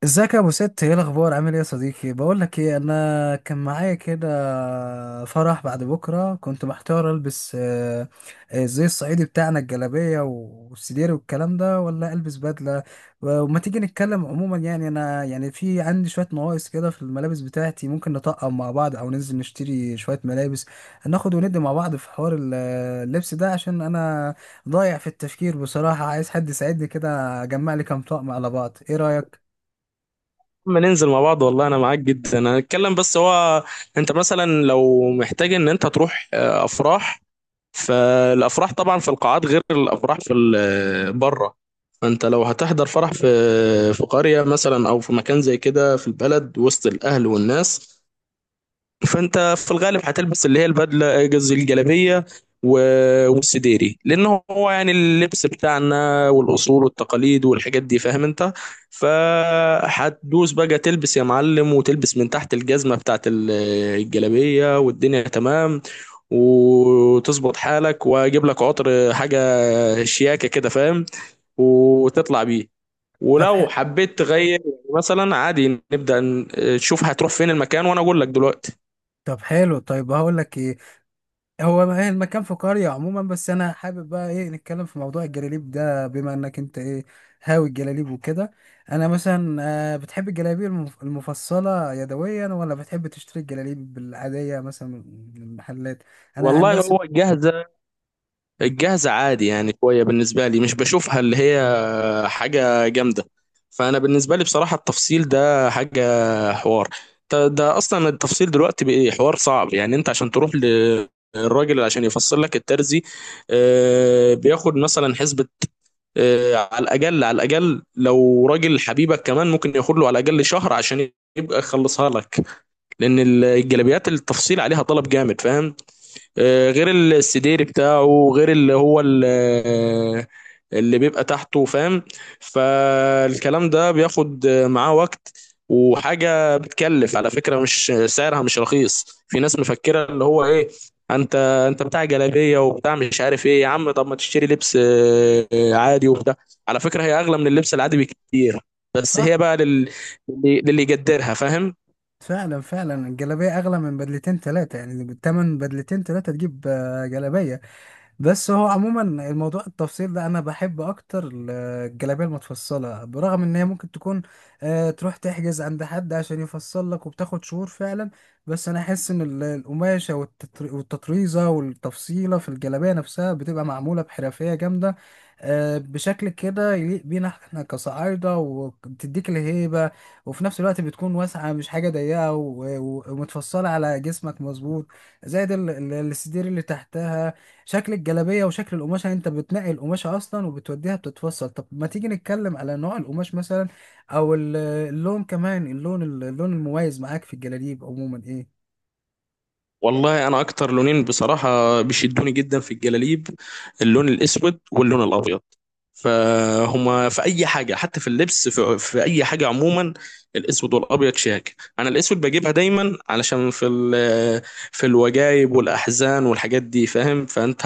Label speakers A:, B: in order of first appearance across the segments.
A: ازيك يا ابو ست؟ ايه الاخبار؟ عامل ايه يا صديقي؟ بقول لك ايه، انا كان معايا كده فرح بعد بكره. كنت محتار البس زي الصعيدي بتاعنا الجلابيه والسدير والكلام ده، ولا البس بدله. وما تيجي نتكلم؟ عموما يعني انا يعني في عندي شويه نواقص كده في الملابس بتاعتي، ممكن نطقم مع بعض او ننزل نشتري شويه ملابس، ناخد وندي مع بعض في حوار اللبس ده، عشان انا ضايع في التفكير بصراحه. عايز حد يساعدني كده اجمع لي كام طقم على بعض. ايه رايك؟
B: اما ننزل مع بعض والله انا معاك جدا. انا اتكلم بس هو انت مثلا لو محتاج ان انت تروح افراح. فالافراح طبعا في القاعات غير الافراح في بره. فانت لو هتحضر فرح في في قرية مثلا او في مكان زي كده في البلد وسط الاهل والناس. فانت في الغالب هتلبس اللي هي البدله، قصدي الجلابيه والسديري، لان هو يعني اللبس بتاعنا والاصول والتقاليد والحاجات دي، فاهم انت؟ فهتدوس بقى تلبس يا معلم، وتلبس من تحت الجزمه بتاعت الجلابيه والدنيا تمام. وتظبط حالك واجيب لك عطر، حاجه شياكه كده، فاهم؟ وتطلع بيه.
A: طب ح...
B: ولو حبيت تغير يعني مثلا عادي نبدأ تشوف هتروح فين المكان وانا اقول لك دلوقتي.
A: طب حلو. طيب، هقول لك ايه. هو ما- إيه المكان؟ في قرية عموما. بس انا حابب بقى ايه نتكلم في موضوع الجلاليب ده، بما انك انت ايه هاوي الجلاليب وكده. انا مثلا، بتحب الجلاليب المفصلة يدويا، ولا بتحب تشتري الجلاليب العادية مثلا من المحلات؟ انا عن
B: والله
A: نفسي.
B: هو الجاهزة،
A: م.
B: الجاهزة عادي يعني شوية بالنسبة لي، مش بشوفها اللي هي حاجة جامدة. فأنا بالنسبة لي بصراحة التفصيل ده حاجة حوار. ده أصلا التفصيل دلوقتي بقى حوار صعب. يعني أنت عشان تروح للراجل عشان يفصل لك الترزي، بياخد مثلا حسبة على الأقل، على الأقل لو راجل حبيبك كمان ممكن ياخد له على الأقل شهر عشان يبقى يخلصها لك، لأن الجلابيات التفصيل عليها طلب جامد، فاهم؟ غير السدير بتاعه، غير اللي هو اللي بيبقى تحته، فاهم؟ فالكلام ده بياخد معاه وقت، وحاجة بتكلف على فكرة، مش سعرها مش رخيص. في ناس مفكرة اللي هو ايه، انت انت بتاع جلابية وبتاع مش عارف ايه، يا عم طب ما تشتري لبس عادي وبتاع. على فكرة هي اغلى من اللبس العادي بكتير، بس
A: صح.
B: هي بقى للي، للي يقدرها فاهم.
A: فعلا، فعلا الجلابية اغلى من بدلتين ثلاثة، يعني بالتمن بدلتين ثلاثة تجيب جلابية. بس هو عموما الموضوع التفصيل ده انا بحب اكتر الجلابيه المتفصله، برغم ان هي ممكن تكون تروح تحجز عند حد عشان يفصل لك وبتاخد شهور فعلا. بس انا احس ان القماشه والتطريزه والتفصيله في الجلابيه نفسها بتبقى معموله بحرفيه جامده، بشكل كده يليق بينا احنا كصعايده، وبتديك الهيبه. وفي نفس الوقت بتكون واسعه، مش حاجه ضيقه ومتفصله على جسمك مظبوط. زائد الستير اللي تحتها، شكل الجلابية وشكل القماشة. يعني انت بتنقي القماشة اصلا وبتوديها بتتفصل. طب ما تيجي نتكلم على نوع القماش مثلا، او اللون؟ كمان اللون المميز معاك في الجلاليب عموما ايه؟
B: والله انا اكتر لونين بصراحه بيشدوني جدا في الجلاليب، اللون الاسود واللون الابيض. فهما في اي حاجه حتى في اللبس في اي حاجه عموما الاسود والابيض شياك. انا الاسود بجيبها دايما علشان في في الوجايب والاحزان والحاجات دي، فاهم؟ فانت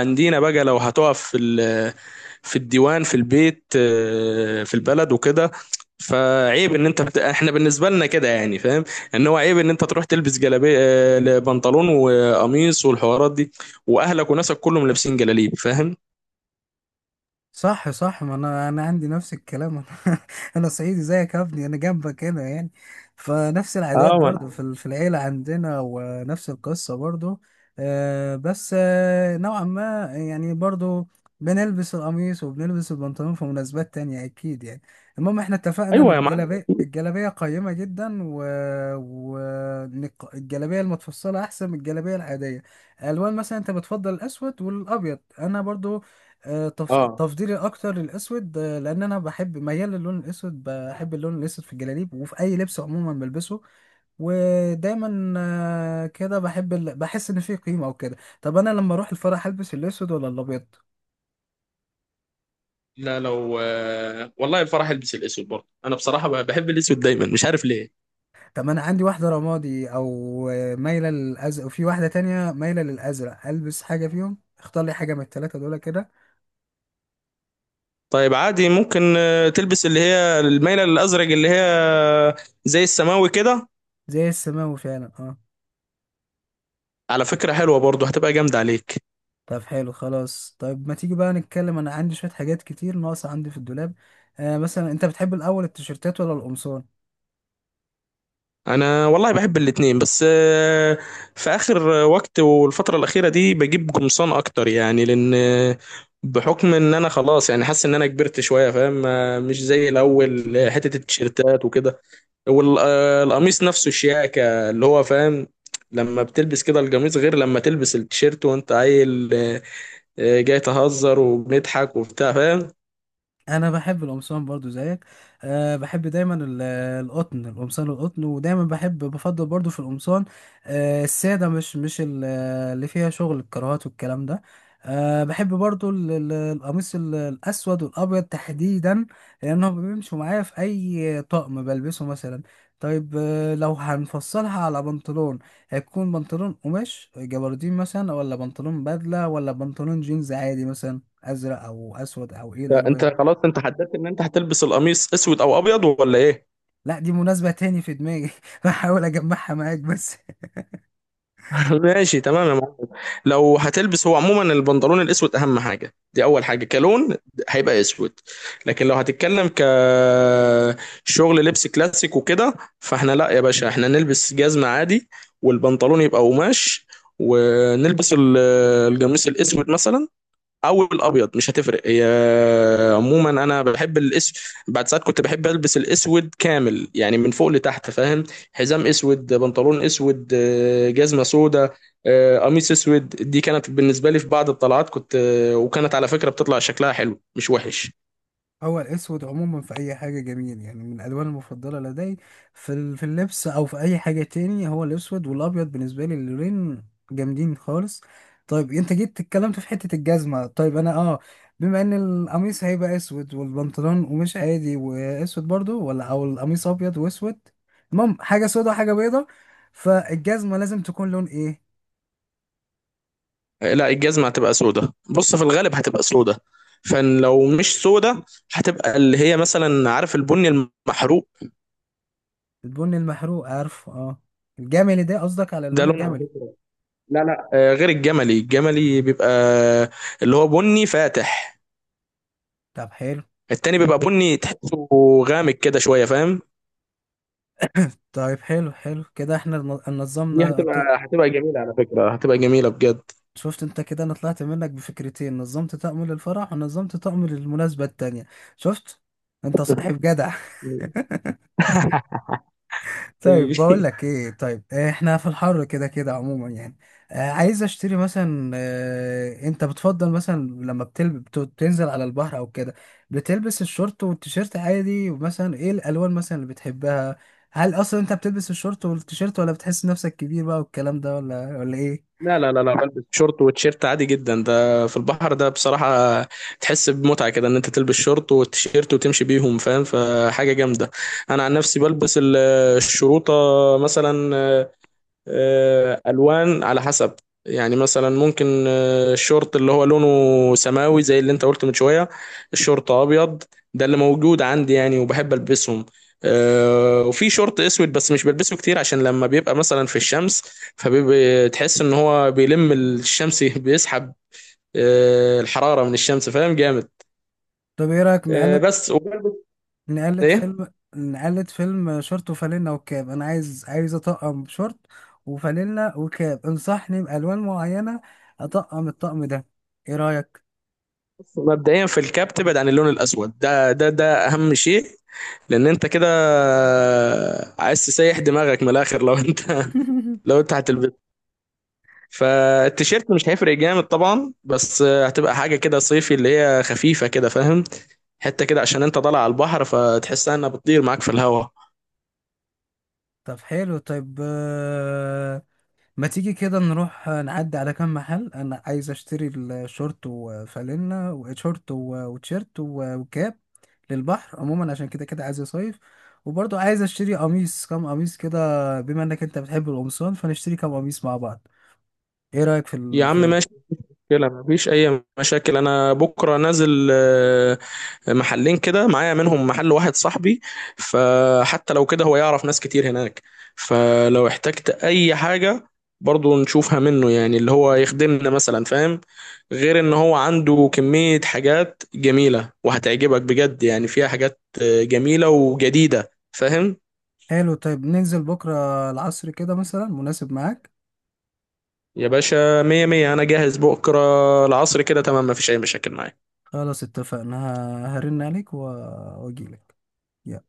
B: عندنا بقى لو هتقف في في الديوان في البيت في البلد وكده، فعيب ان انت احنا بالنسبه لنا كده يعني، فاهم؟ ان هو عيب ان انت تروح تلبس جلابيه، بنطلون وقميص والحوارات دي، واهلك وناسك كلهم لابسين جلاليب، فاهم؟
A: صح، صح. ما انا عندي نفس الكلام انا صعيدي زيك يا ابني، انا جنبك هنا يعني. فنفس العادات
B: اه ما
A: برضو
B: انا
A: في في العيله عندنا، ونفس القصه برضو. بس نوعا ما، يعني برضو بنلبس القميص وبنلبس البنطلون في مناسبات تانية أكيد يعني. المهم احنا اتفقنا إن
B: ايوه يا معلم.
A: الجلابية، الجلابية قيمة جدا و... إن الجلابية المتفصلة أحسن من الجلابية العادية. ألوان مثلا، أنت بتفضل الأسود والأبيض، أنا برضو.
B: اه
A: تفضيلي الاكتر للاسود. لان انا بحب، ميال للون الاسود، بحب اللون الاسود في الجلاليب وفي اي لبس عموما بلبسه. ودايما كده بحب بحس ان فيه قيمه او كده. طب انا لما اروح الفرح هلبس الاسود ولا الابيض؟
B: لا، لو والله الفرح البس الاسود برضه. انا بصراحه بحب الاسود دايما، مش عارف ليه.
A: طب انا عندي واحده رمادي، او مايله للازرق، وفي واحده تانية مايله للازرق. البس حاجه فيهم، اختار لي حاجه من الثلاثه دول كده.
B: طيب عادي ممكن تلبس اللي هي المايله الازرق، اللي هي زي السماوي كده،
A: زي السماوي فعلا، اه.
B: على فكره حلوه برضه، هتبقى جامده عليك.
A: طب حلو. خلاص، طيب، ما تيجي بقى نتكلم. انا عندي شوية حاجات كتير ناقصة عندي في الدولاب. مثلا، انت بتحب الاول التيشيرتات ولا القمصان؟
B: انا والله بحب الاتنين، بس في اخر وقت والفتره الاخيره دي بجيب قمصان اكتر، يعني لان بحكم ان انا خلاص يعني حاسس ان انا كبرت شويه، فاهم؟ مش زي الاول حته التيشيرتات وكده. والقميص نفسه شياكة اللي هو، فاهم؟ لما بتلبس كده القميص غير لما تلبس التيشيرت وانت عيل، جاي تهزر وبنضحك وبتاع، فاهم؟
A: انا بحب القمصان برضو زيك. أه، بحب دايما القطن، القمصان القطن. ودايما بحب، بفضل برضو في القمصان أه الساده، مش مش اللي فيها شغل الكراهات والكلام ده. أه، بحب برضو القميص الاسود والابيض تحديدا، لانهم بيمشوا معايا في اي طقم بلبسه مثلا. طيب، لو هنفصلها على بنطلون، هيكون بنطلون قماش جبردين مثلا، ولا بنطلون بدله، ولا بنطلون جينز عادي مثلا، ازرق او اسود، او ايه
B: انت
A: الالوان؟
B: خلاص انت حددت ان انت هتلبس القميص اسود او ابيض ولا ايه؟
A: لا، دي مناسبة تاني في دماغي بحاول أجمعها معاك بس.
B: ماشي تمام يا معلم. لو هتلبس هو عموما البنطلون الاسود اهم حاجه، دي اول حاجه كلون، هيبقى اسود. لكن لو هتتكلم ك شغل لبس كلاسيك وكده، فاحنا لا يا باشا، احنا نلبس جزمه عادي والبنطلون يبقى قماش، ونلبس القميص الاسود مثلا او الابيض، مش هتفرق هي. عموما انا بحب الاسود. بعد ساعات كنت بحب البس الاسود كامل يعني من فوق لتحت، فاهم؟ حزام اسود، بنطلون اسود، جزمه سودا، قميص اسود. دي كانت بالنسبه لي في بعض الطلعات كنت وكانت على فكره بتطلع شكلها حلو مش وحش.
A: هو الأسود عموما في أي حاجة جميل، يعني من الألوان المفضلة لدي في في اللبس أو في أي حاجة تاني. هو الأسود والأبيض بالنسبة لي اللونين جامدين خالص. طيب، أنت جيت اتكلمت في حتة الجزمة. طيب أنا أه، بما إن القميص هيبقى أسود والبنطلون قماش عادي وأسود برضو، ولا أو القميص أبيض وأسود، المهم حاجة سودة وحاجة بيضة، فالجزمة لازم تكون لون إيه؟
B: لا الجزمه هتبقى سودا، بص في الغالب هتبقى سودا. فلو مش سودا هتبقى اللي هي مثلا عارف البني المحروق،
A: البن المحروق، عارفه، اه. الجملي ده قصدك، على
B: ده
A: اللون
B: لون على
A: الجملي؟
B: فكره. لا لا، غير الجملي، الجملي بيبقى اللي هو بني فاتح،
A: طب حلو.
B: التاني بيبقى بني تحسه غامق كده شوية، فاهم؟
A: طيب، حلو، حلو كده احنا
B: دي
A: نظمنا
B: هتبقى هتبقى جميلة على فكرة، هتبقى جميلة بجد.
A: شفت انت كده، انا طلعت منك بفكرتين، نظمت طقم للفرح ونظمت طقم للمناسبة التانية. شفت. انت صاحب جدع. طيب، بقول لك ايه. طيب، احنا في الحر كده كده عموما يعني، عايز اشتري مثلا. انت بتفضل مثلا لما بتنزل على البحر او كده، بتلبس الشورت والتيشيرت عادي؟ ومثلا ايه الالوان مثلا اللي بتحبها؟ هل اصلا انت بتلبس الشورت والتيشيرت، ولا بتحس نفسك كبير بقى والكلام ده، ولا ايه؟
B: لا لا لا لا، بلبس شورت وتيشيرت عادي جدا. ده في البحر ده بصراحة تحس بمتعة كده ان انت تلبس شورت وتيشيرت وتمشي بيهم، فاهم؟ فحاجة جامدة. انا عن نفسي بلبس الشروطة مثلا، الوان على حسب. يعني مثلا ممكن الشورت اللي هو لونه سماوي زي اللي انت قلت من شويه، الشورت ابيض، ده اللي موجود عندي يعني وبحب البسهم. وفي شورت اسود بس مش بلبسه كتير، عشان لما بيبقى مثلا في الشمس فبتحس ان هو بيلم الشمس بيسحب الحراره من الشمس، فاهم؟ جامد.
A: طب ايه رايك نقلل،
B: بس وبلبس
A: نقلد
B: ايه.
A: فيلم نقلد فيلم، شورت وفانلة وكاب. انا عايز اطقم شورت وفانلة وكاب، انصحني بالوان معينة اطقم الطقم ده. ايه رأيك؟
B: مبدئيا في الكاب تبعد عن اللون الاسود ده، ده اهم شيء، لان انت كده عايز تسيح دماغك من الاخر لو انت لو انت هتلبسه. فالتيشيرت مش هيفرق جامد طبعا، بس هتبقى حاجه كده صيفي اللي هي خفيفه كده، فاهم؟ حته كده عشان انت طالع على البحر، فتحسها انها بتطير معاك في الهواء.
A: طب حلو. طيب، ما تيجي كده نروح نعدي على كام محل. انا عايز اشتري الشورت وفانلة، وشورت وتيشيرت وكاب، للبحر عموما، عشان كده كده عايز اصيف. وبرضه عايز اشتري قميص، كام قميص كده، بما انك انت بتحب القمصان فنشتري كام قميص مع بعض. ايه رأيك في
B: يا عم ماشي، مشكلة، مفيش أي مشاكل. أنا بكرة نازل محلين كده معايا، منهم محل واحد صاحبي، فحتى لو كده هو يعرف ناس كتير هناك، فلو احتجت أي حاجة برضو نشوفها منه يعني، اللي هو يخدمنا مثلا، فاهم؟ غير إن هو عنده كمية حاجات جميلة وهتعجبك بجد، يعني فيها حاجات جميلة وجديدة، فاهم؟
A: حلو. طيب ننزل بكرة العصر كده مثلا، مناسب معاك؟
B: يا باشا مية مية، أنا جاهز بكرة العصر كده تمام، مفيش أي مشاكل معايا.
A: خلاص، اتفقنا. هرن عليك واجيلك. يلا،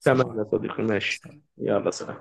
A: سلام
B: تمام يا
A: عليكم.
B: صديقي ماشي.
A: سلام.
B: يلا سلام.